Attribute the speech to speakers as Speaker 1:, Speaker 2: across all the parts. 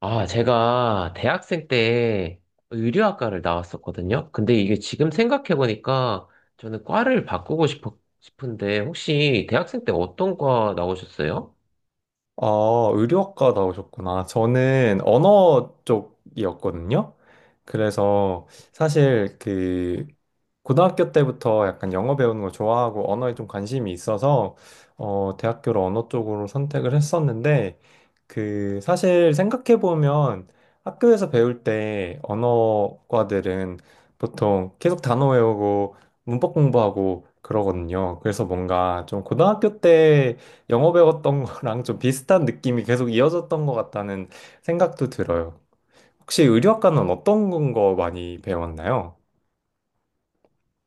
Speaker 1: 아, 제가 대학생 때 의류학과를 나왔었거든요. 근데 이게 지금 생각해보니까 저는 과를 바꾸고 싶은데 혹시 대학생 때 어떤 과 나오셨어요?
Speaker 2: 아, 의료학과 나오셨구나. 저는 언어 쪽이었거든요. 그래서 사실 그 고등학교 때부터 약간 영어 배우는 걸 좋아하고 언어에 좀 관심이 있어서 대학교를 언어 쪽으로 선택을 했었는데, 그 사실 생각해 보면 학교에서 배울 때 언어과들은 보통 계속 단어 외우고 문법 공부하고 그러거든요. 그래서 뭔가 좀 고등학교 때 영어 배웠던 거랑 좀 비슷한 느낌이 계속 이어졌던 것 같다는 생각도 들어요. 혹시 의료학과는 어떤 거 많이 배웠나요?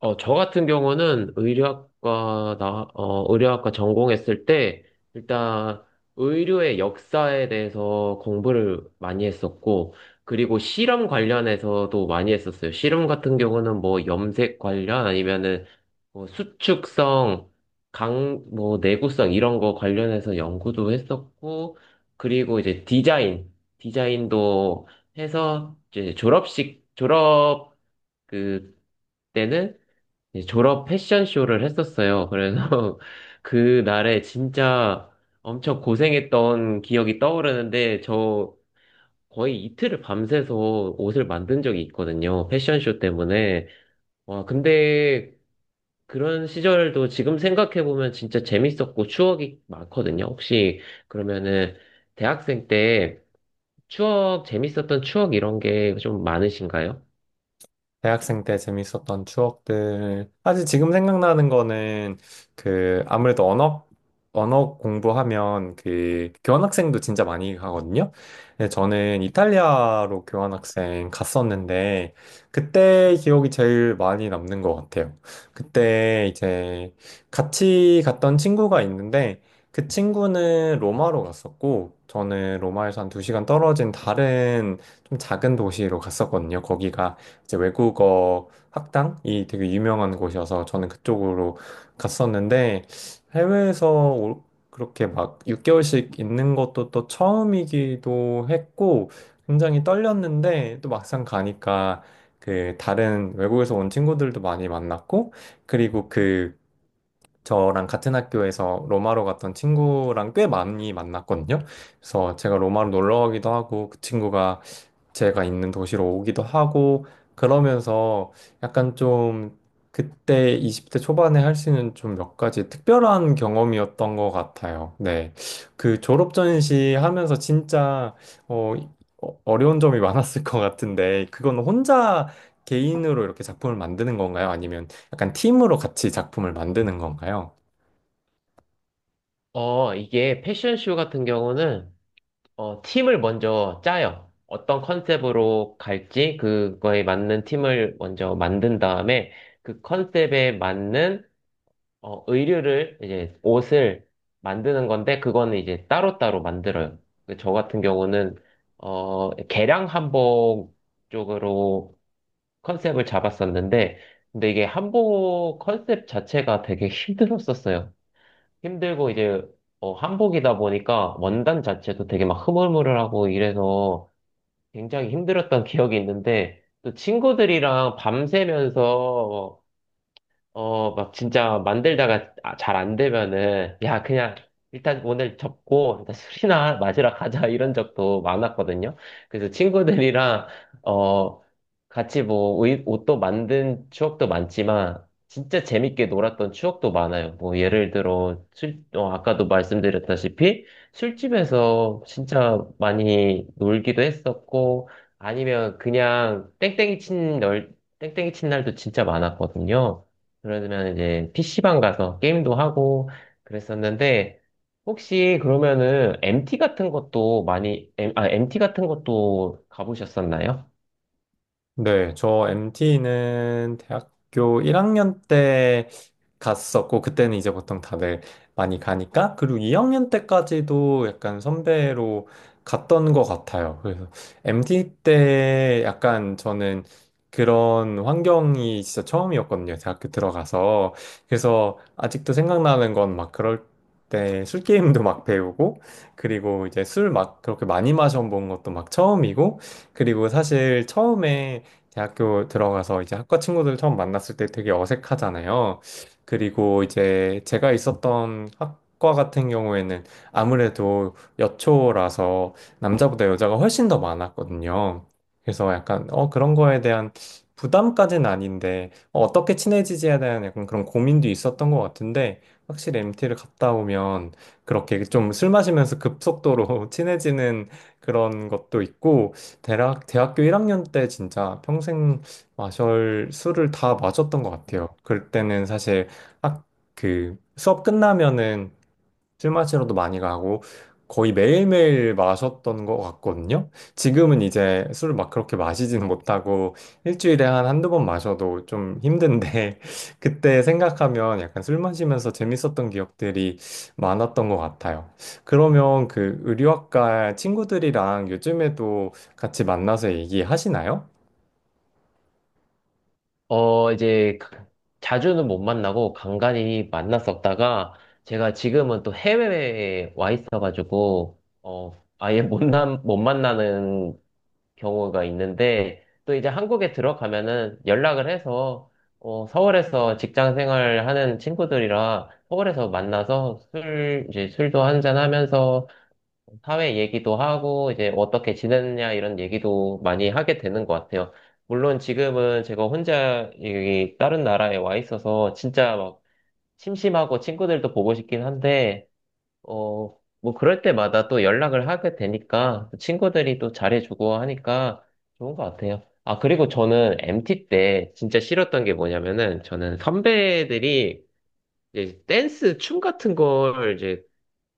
Speaker 1: 저 같은 경우는 의료학과 전공했을 때, 일단 의료의 역사에 대해서 공부를 많이 했었고, 그리고 실험 관련해서도 많이 했었어요. 실험 같은 경우는 뭐 염색 관련 아니면은 뭐 수축성, 뭐 내구성 이런 거 관련해서 연구도 했었고, 그리고 이제 디자인도 해서 이제 졸업 그, 때는 이제 졸업 패션쇼를 했었어요. 그래서 그 날에 진짜 엄청 고생했던 기억이 떠오르는데 저 거의 이틀을 밤새서 옷을 만든 적이 있거든요. 패션쇼 때문에. 와, 근데 그런 시절도 지금 생각해보면 진짜 재밌었고 추억이 많거든요. 혹시 그러면은 대학생 때 재밌었던 추억 이런 게 좀 많으신가요?
Speaker 2: 대학생 때 재밌었던 추억들. 사실 지금 생각나는 거는 그 아무래도 언어 공부하면 그 교환학생도 진짜 많이 가거든요. 근데 저는 이탈리아로 교환학생 갔었는데 그때 기억이 제일 많이 남는 것 같아요. 그때 이제 같이 갔던 친구가 있는데 그 친구는 로마로 갔었고, 저는 로마에서 한 두 시간 떨어진 다른 좀 작은 도시로 갔었거든요. 거기가 이제 외국어 학당이 되게 유명한 곳이어서 저는 그쪽으로 갔었는데, 해외에서 올- 그렇게 막 6개월씩 있는 것도 또 처음이기도 했고, 굉장히 떨렸는데 또 막상 가니까 그 다른 외국에서 온 친구들도 많이 만났고, 그리고 그 저랑 같은 학교에서 로마로 갔던 친구랑 꽤 많이 만났거든요. 그래서 제가 로마로 놀러 가기도 하고 그 친구가 제가 있는 도시로 오기도 하고, 그러면서 약간 좀 그때 20대 초반에 할 수 있는 좀 몇 가지 특별한 경험이었던 것 같아요. 네. 그 졸업 전시 하면서 진짜 어, 어려운 점이 많았을 것 같은데, 그건 혼자 개인으로 이렇게 작품을 만드는 건가요? 아니면 약간 팀으로 같이 작품을 만드는 건가요?
Speaker 1: 이게 패션쇼 같은 경우는 팀을 먼저 짜요. 어떤 컨셉으로 갈지 그거에 맞는 팀을 먼저 만든 다음에 그 컨셉에 맞는 어, 의류를 이제 옷을 만드는 건데 그거는 이제 따로따로 만들어요. 그저 같은 경우는 개량 한복 쪽으로 컨셉을 잡았었는데 근데 이게 한복 컨셉 자체가 되게 힘들었었어요. 힘들고 이제 한복이다 보니까 원단 자체도 되게 막 흐물흐물하고 이래서 굉장히 힘들었던 기억이 있는데 또 친구들이랑 밤새면서 막 진짜 만들다가 아, 잘안 되면은, 야, 그냥 일단 오늘 접고, 일단 술이나 마시러 가자, 이런 적도 많았거든요. 그래서 친구들이랑, 어, 같이 뭐, 옷도 만든 추억도 많지만, 진짜 재밌게 놀았던 추억도 많아요. 뭐, 예를 들어, 아까도 말씀드렸다시피, 술집에서 진짜 많이 놀기도 했었고, 아니면 그냥 땡땡이 친 날도 진짜 많았거든요. 그러면 이제 PC방 가서 게임도 하고 그랬었는데 혹시 그러면은 MT 같은 것도 많이 M, 아, MT 같은 것도 가보셨었나요?
Speaker 2: 네, 저 MT는 대학교 1학년 때 갔었고, 그때는 이제 보통 다들 많이 가니까, 그리고 2학년 때까지도 약간 선배로 갔던 것 같아요. 그래서 MT 때 약간 저는 그런 환경이 진짜 처음이었거든요. 대학교 들어가서. 그래서 아직도 생각나는 건 막 그럴 때 술게임도 막 배우고, 그리고 이제 술 막 그렇게 많이 마셔본 것도 막 처음이고, 그리고 사실 처음에 대학교 들어가서 이제 학과 친구들 처음 만났을 때 되게 어색하잖아요. 그리고 이제 제가 있었던 학과 같은 경우에는 아무래도 여초라서 남자보다 여자가 훨씬 더 많았거든요. 그래서 약간 어 그런 거에 대한 부담까지는 아닌데, 어, 떻게 친해지지에 대한 약간 그런 고민도 있었던 것 같은데, 확실히 MT를 갔다 오면 그렇게 좀 술 마시면서 급속도로 친해지는 그런 것도 있고, 대학교 1학년 때 진짜 평생 마셜 술을 다 마셨던 것 같아요. 그때는 사실 학, 그 수업 끝나면은 술 마시러도 많이 가고 거의 매일매일 마셨던 것 같거든요. 지금은 이제 술을 막 그렇게 마시지는 못하고 일주일에 한 한두 번 마셔도 좀 힘든데 그때 생각하면 약간 술 마시면서 재밌었던 기억들이 많았던 것 같아요. 그러면 그 의류학과 친구들이랑 요즘에도 같이 만나서 얘기하시나요?
Speaker 1: 이제 자주는 못 만나고 간간히 만났었다가 제가 지금은 또 해외에 와 있어가지고 어 아예 못 만나는 경우가 있는데 또 이제 한국에 들어가면은 연락을 해서 서울에서 직장 생활 하는 친구들이라 서울에서 만나서 술 이제 술도 한잔 하면서 사회 얘기도 하고 이제 어떻게 지냈냐 이런 얘기도 많이 하게 되는 것 같아요. 물론 지금은 제가 혼자 여기 다른 나라에 와 있어서 진짜 막 심심하고 친구들도 보고 싶긴 한데 뭐 그럴 때마다 또 연락을 하게 되니까 친구들이 또 잘해주고 하니까 좋은 것 같아요. 아, 그리고 저는 MT 때 진짜 싫었던 게 뭐냐면은 저는 선배들이 이제 댄스 춤 같은 걸 이제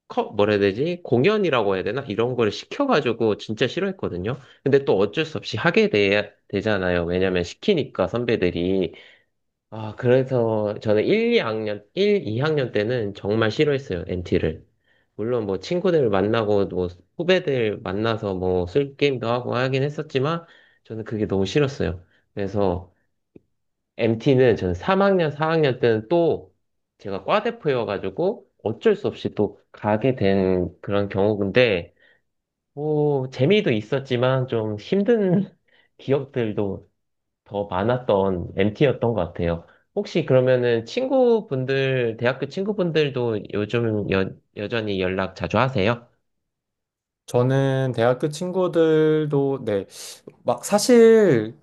Speaker 1: 뭐라 해야 되지? 공연이라고 해야 되나? 이런 걸 시켜가지고 진짜 싫어했거든요. 근데 또 어쩔 수 없이 하게 되잖아요. 왜냐면 시키니까 선배들이. 아, 그래서 저는 일, 이 학년 때는 정말 싫어했어요, m t 를. 물론 뭐 친구들 만나고 뭐 후배들 만나서 뭐 술 게임도 하고 하긴 했었지만 저는 그게 너무 싫었어요. 그래서 MT는 저는 3학년, 4학년 때는 또 제가 과대표여가지고 어쩔 수 없이 또 가게 된 그런 경우인데 뭐 재미도 있었지만 좀 힘든 기억들도 더 많았던 MT였던 것 같아요. 혹시 그러면은 친구분들, 대학교 친구분들도 요즘 여전히 연락 자주 하세요?
Speaker 2: 저는 대학교 친구들도 네, 막 사실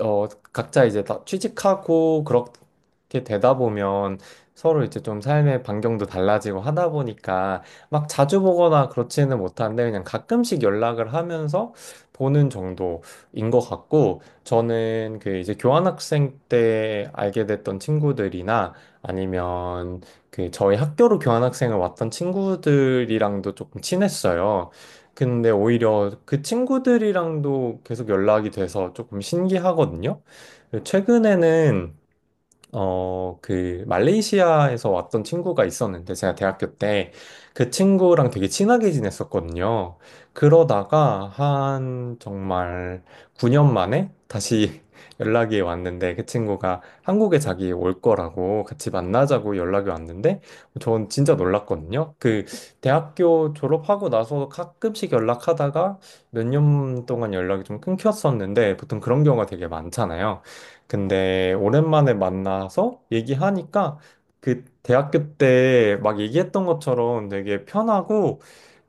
Speaker 2: 어, 각자 이제 다 취직하고 그렇게 되다 보면 서로 이제 좀 삶의 반경도 달라지고 하다 보니까 막 자주 보거나 그렇지는 못한데, 그냥 가끔씩 연락을 하면서 보는 정도인 것 같고, 저는 그 이제 교환학생 때 알게 됐던 친구들이나 아니면 그 저희 학교로 교환학생을 왔던 친구들이랑도 조금 친했어요. 근데 오히려 그 친구들이랑도 계속 연락이 돼서 조금 신기하거든요. 최근에는 말레이시아에서 왔던 친구가 있었는데, 제가 대학교 때 그 친구랑 되게 친하게 지냈었거든요. 그러다가 한 정말 9년 만에 다시 연락이 왔는데, 그 친구가 한국에 자기 올 거라고 같이 만나자고 연락이 왔는데, 전 진짜 놀랐거든요. 그, 대학교 졸업하고 나서 가끔씩 연락하다가 몇 년 동안 연락이 좀 끊겼었는데, 보통 그런 경우가 되게 많잖아요. 근데 오랜만에 만나서 얘기하니까 그 대학교 때 막 얘기했던 것처럼 되게 편하고,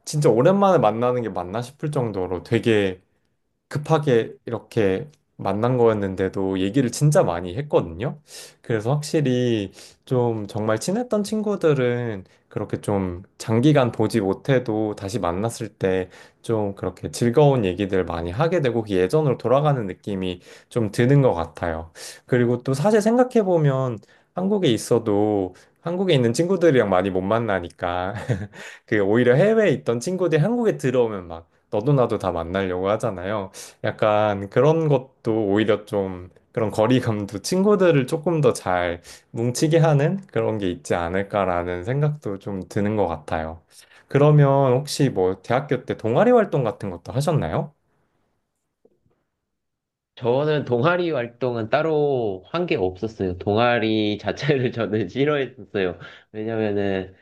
Speaker 2: 진짜 오랜만에 만나는 게 맞나 싶을 정도로 되게 급하게 이렇게 만난 거였는데도 얘기를 진짜 많이 했거든요. 그래서 확실히 좀 정말 친했던 친구들은 그렇게 좀 장기간 보지 못해도 다시 만났을 때 좀 그렇게 즐거운 얘기들 많이 하게 되고, 그 예전으로 돌아가는 느낌이 좀 드는 것 같아요. 그리고 또 사실 생각해보면 한국에 있어도 한국에 있는 친구들이랑 많이 못 만나니까 그 오히려 해외에 있던 친구들이 한국에 들어오면 막 너도 나도 다 만나려고 하잖아요. 약간 그런 것도, 오히려 좀 그런 거리감도 친구들을 조금 더 잘 뭉치게 하는 그런 게 있지 않을까라는 생각도 좀 드는 것 같아요. 그러면 혹시 뭐 대학교 때 동아리 활동 같은 것도 하셨나요?
Speaker 1: 저는 동아리 활동은 따로 한 게 없었어요. 동아리 자체를 저는 싫어했었어요. 왜냐면은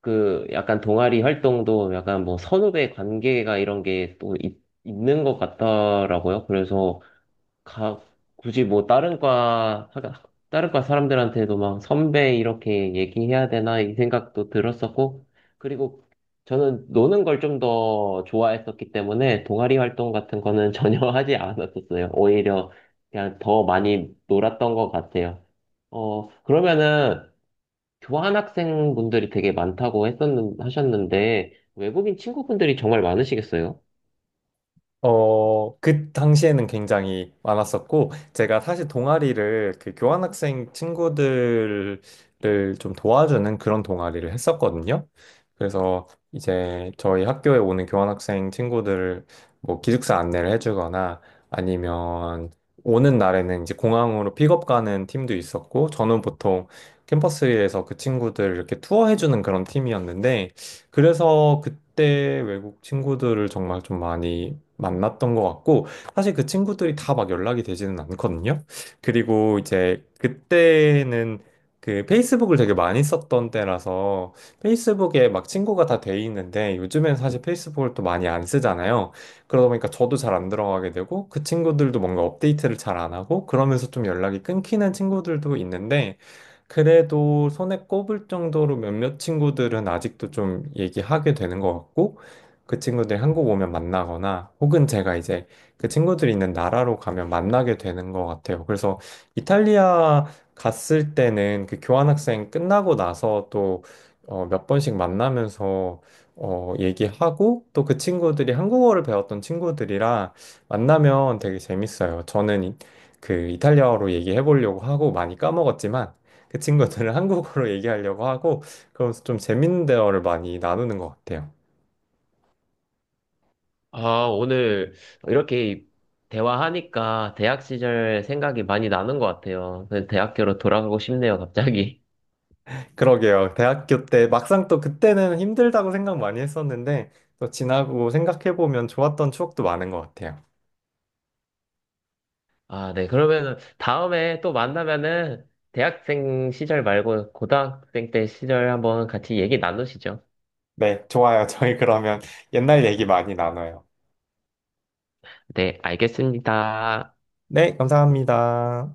Speaker 1: 그 약간 동아리 활동도 약간 뭐 선후배 관계가 이런 게 또 있는 것 같더라고요. 그래서 가, 굳이 뭐 다른 과 사람들한테도 막 선배 이렇게 얘기해야 되나 이 생각도 들었었고, 그리고 저는 노는 걸 좀 더 좋아했었기 때문에 동아리 활동 같은 거는 전혀 하지 않았었어요. 오히려 그냥 더 많이 놀았던 것 같아요. 그러면은 교환학생 분들이 되게 많다고 하셨는데, 외국인 친구분들이 정말 많으시겠어요?
Speaker 2: 그 당시에는 굉장히 많았었고, 제가 사실 동아리를, 그 교환학생 친구들을 좀 도와주는 그런 동아리를 했었거든요. 그래서 이제 저희 학교에 오는 교환학생 친구들을 뭐 기숙사 안내를 해주거나, 아니면 오는 날에는 이제 공항으로 픽업 가는 팀도 있었고, 저는 보통 캠퍼스에서 그 친구들 이렇게 투어해주는 그런 팀이었는데, 그래서 그때 외국 친구들을 정말 좀 많이 만났던 것 같고, 사실 그 친구들이 다 막 연락이 되지는 않거든요. 그리고 이제 그때는 그 페이스북을 되게 많이 썼던 때라서 페이스북에 막 친구가 다 돼 있는데, 요즘엔 사실 페이스북을 또 많이 안 쓰잖아요. 그러다 보니까 저도 잘 안 들어가게 되고 그 친구들도 뭔가 업데이트를 잘 안 하고 그러면서 좀 연락이 끊기는 친구들도 있는데, 그래도 손에 꼽을 정도로 몇몇 친구들은 아직도 좀 얘기하게 되는 것 같고, 그 친구들이 한국 오면 만나거나, 혹은 제가 이제 그 친구들이 있는 나라로 가면 만나게 되는 것 같아요. 그래서 이탈리아 갔을 때는 그 교환학생 끝나고 나서 또 몇 번씩 만나면서 얘기하고, 또 그 친구들이 한국어를 배웠던 친구들이랑 만나면 되게 재밌어요. 저는 그 이탈리아어로 얘기해 보려고 하고 많이 까먹었지만, 그 친구들은 한국어로 얘기하려고 하고, 그러면서 좀 재밌는 대화를 많이 나누는 것 같아요.
Speaker 1: 아, 오늘 이렇게 대화하니까 대학 시절 생각이 많이 나는 것 같아요. 그 대학교로 돌아가고 싶네요, 갑자기.
Speaker 2: 그러게요. 대학교 때 막상 또 그때는 힘들다고 생각 많이 했었는데, 또 지나고 생각해보면 좋았던 추억도 많은 것 같아요.
Speaker 1: 아, 네. 그러면은 다음에 또 만나면은 대학생 시절 말고 고등학생 때 시절 한번 같이 얘기 나누시죠.
Speaker 2: 네, 좋아요. 저희 그러면 옛날 얘기 많이 나눠요.
Speaker 1: 네, 알겠습니다.
Speaker 2: 네, 감사합니다.